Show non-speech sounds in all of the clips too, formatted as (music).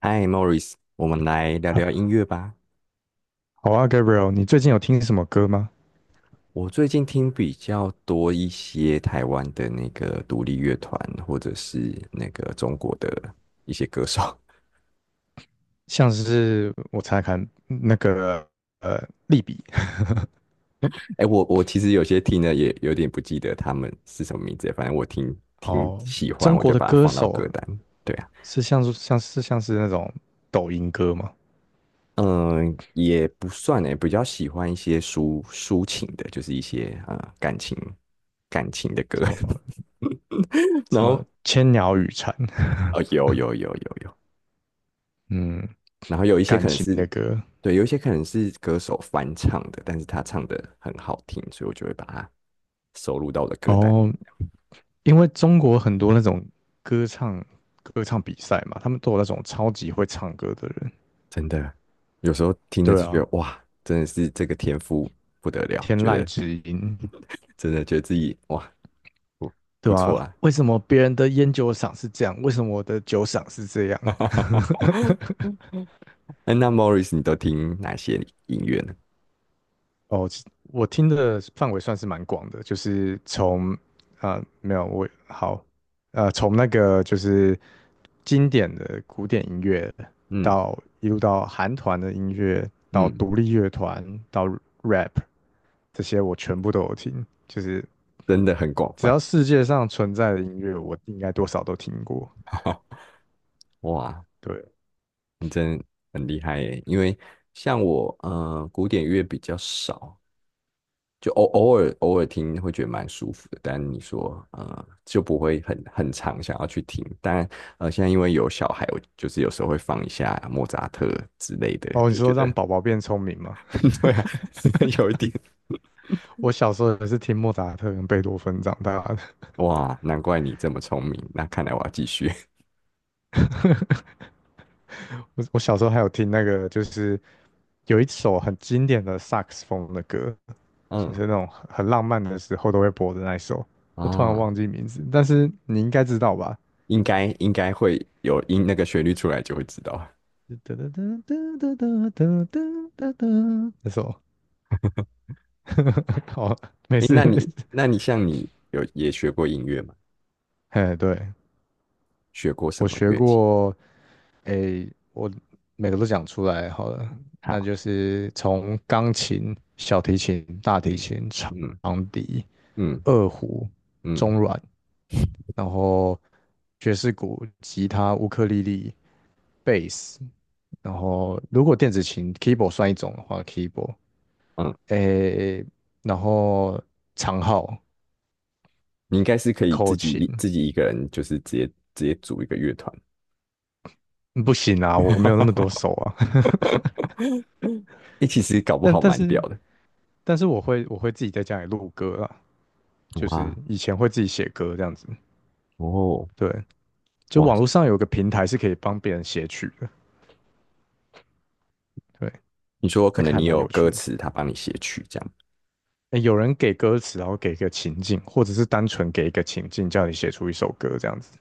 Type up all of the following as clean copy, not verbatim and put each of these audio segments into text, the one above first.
嗨，Morris，我们来聊聊好音乐吧。啊，Gabriel，你最近有听什么歌吗？我最近听比较多一些台湾的那个独立乐团，或者是那个中国的一些歌手。像是我猜猜看那个呃，利比 (laughs) 哎，我其实有些听的也有点不记得他们是什么名字，反正我听听哦，喜欢，中我国就的把它歌放到歌手单。对啊，是像是那种抖音歌吗？嗯，也不算哎，比较喜欢一些抒情的，就是一些感情感情的歌。什么 (laughs) 什然么后，千鸟语蝉，哦，有有有有有，(laughs) 嗯，然后有一些感可能情是，的歌对，有一些可能是歌手翻唱的，但是他唱的很好听，所以我就会把它收录到我的歌单哦，里。因为中国很多那种歌唱歌唱比赛嘛，他们都有那种超级会唱歌的人，真的，有时候听着对就觉啊，得哇，真的是这个天赋不得了，天觉籁得之音，真的觉得自己哇不不对啊，错啦。为什么别人的烟酒赏是这样？为什么我的酒赏是这样？(laughs) 哎那 Morris 你都听哪些音乐呢？哦，我听的范围算是蛮广的，就是从啊、呃没有我好从那个就是经典的古典音乐嗯到一路到韩团的音乐，到嗯，独立乐团，到 rap 这些我全部都有听，就是真的很广只泛。要世界上存在的音乐，我应该多少都听过。(laughs) 哇，对你真的很厉害耶！因为像我，古典乐比较少，就偶尔偶尔听会觉得蛮舒服的，但你说就不会很常想要去听。但现在因为有小孩，我就是有时候会放一下莫扎特之类的，哦，你就觉说得 让宝宝变聪明吗？(laughs) 对啊，(laughs) 有一点我小时候也是听莫扎特跟贝多芬长大的。哇，难怪你这么聪明。那看来我要继续，(laughs) 我小时候还有听那个，就是有一首很经典的萨克斯风的歌，(laughs) 就是嗯那种很浪漫的时候都会播的那一首。我突然啊，忘记名字，但是你应该知道吧？应该应该会有音那个旋律出来就会知道。哒哒哒哒哒哒哒哒哒哒，那首 (laughs) 好，没诶，事那没事。你像你有也学过音乐吗？(laughs) 嘿，对，学过什我么学乐器？过，诶，我每个都讲出来好了，那好，就是从钢琴、小提琴、大提嗯琴、长嗯笛、嗯二胡、嗯中阮，然后爵士鼓、吉他、乌克丽丽、贝斯，然后如果电子琴 keyboard 算一种的话，keyboard，嗯。诶，然后长号、你应该是可以口琴，自己一个人，就是直接直接组一个乐团。嗯不行啊，我没有那么多 (laughs) 手啊，哎、其实搞 (laughs) 不但好但蛮是屌的。但是我会自己在家里录歌啊。就是哇以前会自己写歌这样子，哦对，就哇，网络上有个平台是可以帮别人写曲的，对，你说可这个能还你蛮有有趣歌的。欸词，他帮你写曲这样。有人给歌词，然后给一个情境，或者是单纯给一个情境，叫你写出一首歌这样子，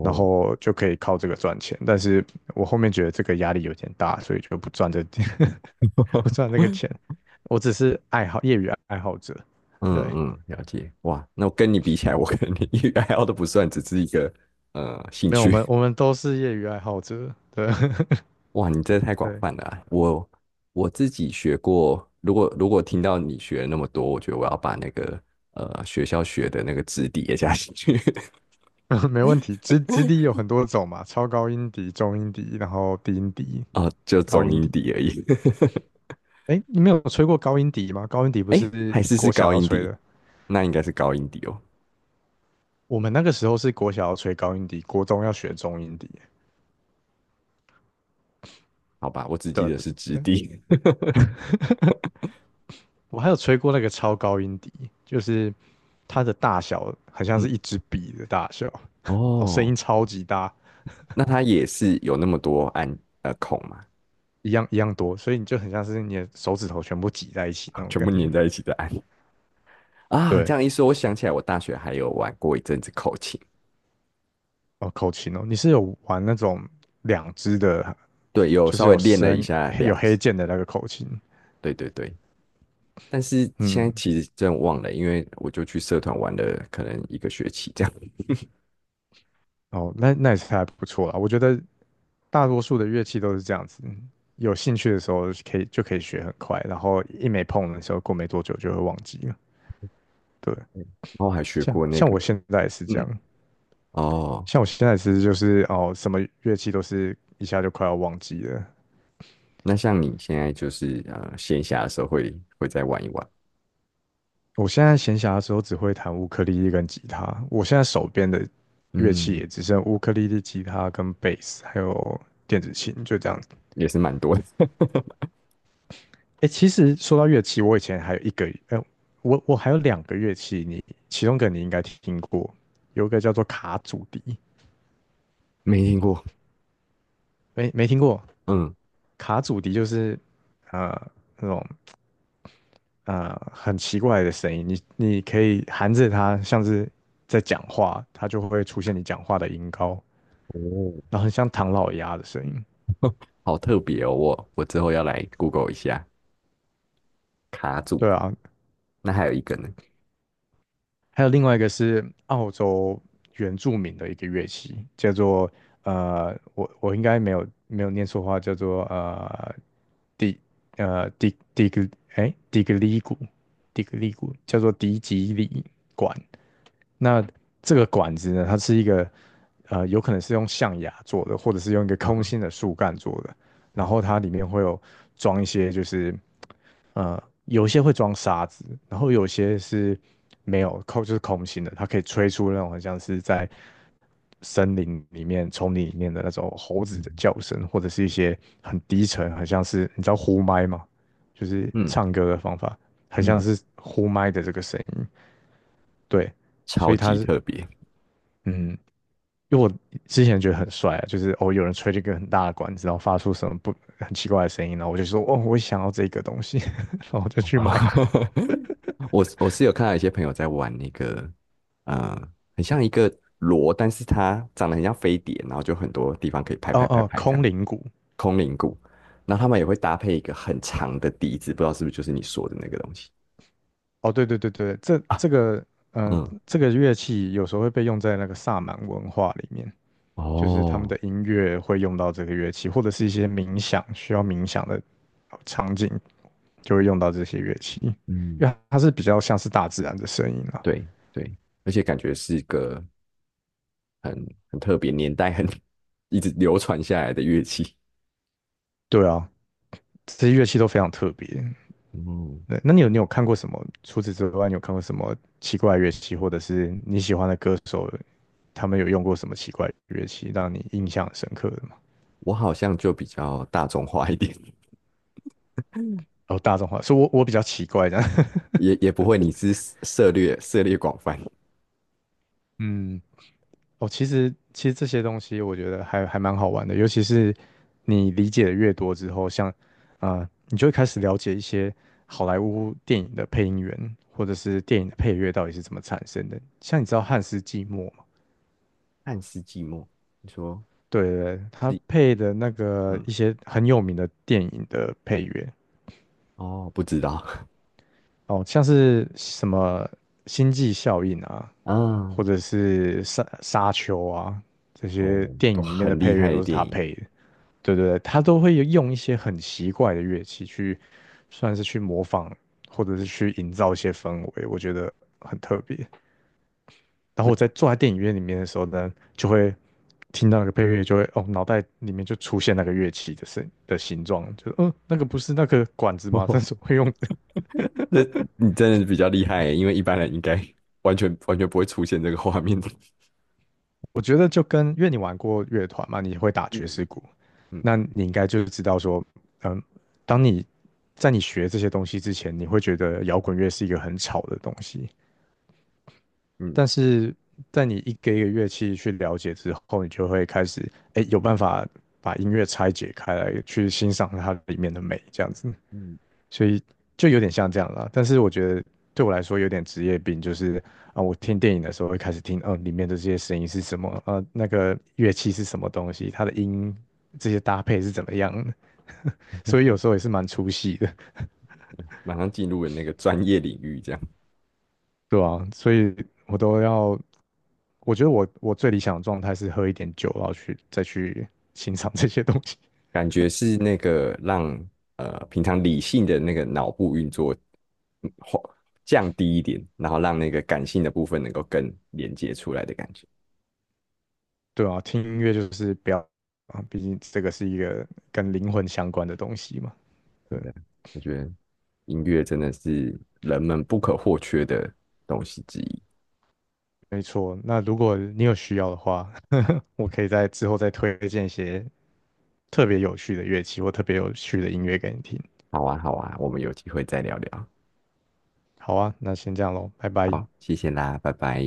然后就可以靠这个赚钱。但是我后面觉得这个压力有点大，所以就不赚这 (laughs) 不赚 (laughs) 这个钱。我只是爱好业余爱好者，嗯对，嗯，了解。哇，那我跟你比起来，我可能连业余爱好都不算，只是一个兴没有趣。我们都是业余爱好者，对 哇，你 (laughs) 这太广对。泛了啊我自己学过，如果听到你学了那么多，我觉得我要把那个学校学的那个质地也加进去。(laughs) (laughs) 没问题。直笛有很多种嘛，超高音笛、中音笛，然后低音笛、哦，就高中音音笛。底而已。(laughs) 哎，你没有吹过高音笛吗？高音笛不哎是还是是国小高要音吹底，的，那应该是高音底哦。我们那个时候是国小要吹高音笛，国中要学中音笛。好吧，我只记对啊，得对是直笛。(laughs) 我还有吹过那个超高音笛，就是它的大小很像是嗯，一支笔的大小，哦，声哦，音超级大，那它也是有那么多按孔嘛，一样一样多，所以你就很像是你的手指头全部挤在一起那 (laughs) 种全感部觉。粘在一起的按啊。这对，样一说，我想起来，我大学还有玩过一阵子口琴，哦，口琴哦，你是有玩那种两只的对，有就是稍微有练了一深下有两黑指。键的那个口琴，对对对，但是现在嗯，其实真的忘了，因为我就去社团玩了可能一个学期这样，哦，那那也是还不错啦。我觉得大多数的乐器都是这样子，有兴趣的时候可以学很快，然后一没碰的时候，过没多久就会忘记了。对，(laughs) 然后还学过那像个，我现在也是这嗯，样，哦。像我现在其实就是哦，什么乐器都是一下就快要忘记了。那像你现在就是闲暇的时候会再玩一玩，我现在闲暇的时候只会弹乌克丽丽跟吉他，我现在手边的乐器也嗯，只剩乌克丽丽、吉他跟贝斯，还有电子琴，就这样也是蛮多的，(laughs) 哎，其实说到乐器，我以前还有一个，我还有两个乐器，你其中一个你应该听过，有一个叫做卡祖笛，没听过，没没听过？嗯，卡祖笛就是呃那种很奇怪的声音，你可以含着它，像是在讲话，它就会出现你讲话的音高，哦，然后很像唐老鸭的声音。好特别哦，我之后要来 Google 一下卡组，对啊，那还有一个呢，还有另外一个是澳洲原住民的一个乐器，叫做我应该没有念错话，叫做迪呃迪迪格迪格里鼓，迪格里鼓叫做迪吉里管。那这个管子呢，它是一个呃，有可能是用象牙做的，或者是用一个啊空哈，心的树干做的，然后哦它里面会有装一些就是。呃，有些会装沙子，然后有些是没有空，就是空心的，它可以吹出那种很像是在森林里面、丛林里面的那种猴子的叫声，或者是一些很低沉，很像是，你知道呼麦吗？就是嗯唱歌的方法，很像嗯，是呼麦的这个声音。对，所超以它级是特别，嗯，因为我之前觉得很帅啊，就是哦，有人吹这个很大的管子，然后发出什么不很奇怪的声音，然后我就说哦，我想要这个东西，(laughs) 然后我就去买。(laughs) 我是有看到一些朋友在玩那个，呃，很像一个螺，但是它长得很像飞碟，然后就很多地方可以拍哦拍拍哦，拍这空样，灵鼓。空灵鼓，然后他们也会搭配一个很长的笛子，不知道是不是就是你说的那个东西。哦，对，这个嗯嗯，这个乐器有时候会被用在那个萨满文化里面，就是他们的哦，音乐会用到这个乐器，或者是一些冥想需要冥想的场景就会用到这些乐器，嗯，因为它是比较像是大自然的声音啊。对对，而且感觉是个很特别，年代很 (laughs) 一直流传下来的乐器。对啊，这些乐器都非常特别。嗯，对，那你有看过什么？除此之外，你有看过什么奇怪的乐器，或者是你喜欢的歌手，他们有用过什么奇怪的乐器，让你印象很深刻的吗？我好像就比较大众化一点，哦，大众化，所以我比较奇怪的，(laughs) (laughs) 也也不会，你是涉猎广泛。嗯，哦，其实这些东西我觉得还蛮好玩的，尤其是你理解的越多之后，像你就会开始了解一些好莱坞电影的配音员或者是电影的配乐到底是怎么产生的。像你知道汉斯季默吗？汉斯寂寞，你说对，他是配的那个嗯一些很有名的电影的配乐，哦，不知道 哦，像是什么星际效应啊，(laughs)，或嗯者是沙丘啊，这些哦，电都影里面的很配厉乐害的都是电他影。配的，对，他都会用一些很奇怪的乐器去，算是去模仿，或者是去营造一些氛围，我觉得很特别。然后那 我在坐在电影院里面的时候呢，就会听到那个配乐，就会哦，脑袋里面就出现那个乐器的声的形状，就嗯，那个不是那个管子 (laughs) 吗？(laughs) 但哦，是会用那你真的是比较厉害耶因为一般人应该 (laughs) 完全不会出现这个画面的。(laughs) 我觉得就跟，因为你玩过乐团嘛，你会打爵嗯士鼓，嗯那你应该就知道说，嗯，当你在你学这些东西之前，你会觉得摇滚乐是一个很吵的东西，嗯但是在你一个乐器去了解之后，你就会开始，哎，有办法把音乐拆解开来，去欣赏它里面的美，这样子。嗯，所以就有点像这样了，但是我觉得对我来说有点职业病，就是啊，我听电影的时候会开始听，嗯，里面的这些声音是什么，呃，那个乐器是什么东西，它的音这些搭配是怎么样的，所以有时候也是蛮出戏的，马上进入了那个专业领域，这样对啊，所以我都要，我觉得我最理想的状态是喝一点酒，然后再去欣赏这些东西，感觉是那个让平常理性的那个脑部运作嗯或降低一点，然后让那个感性的部分能够更连接出来的感觉，对啊，听音乐就是不要啊，毕竟这个是一个跟灵魂相关的东西嘛。对对。不对？我觉得音乐真的是人们不可或缺的东西之一。没错，那如果你有需要的话，(laughs) 我可以在之后再推荐一些特别有趣的乐器或特别有趣的音乐给你听。好啊，好啊，我们有机会再聊聊。好啊，那先这样喽，拜拜。好，谢谢啦，拜拜。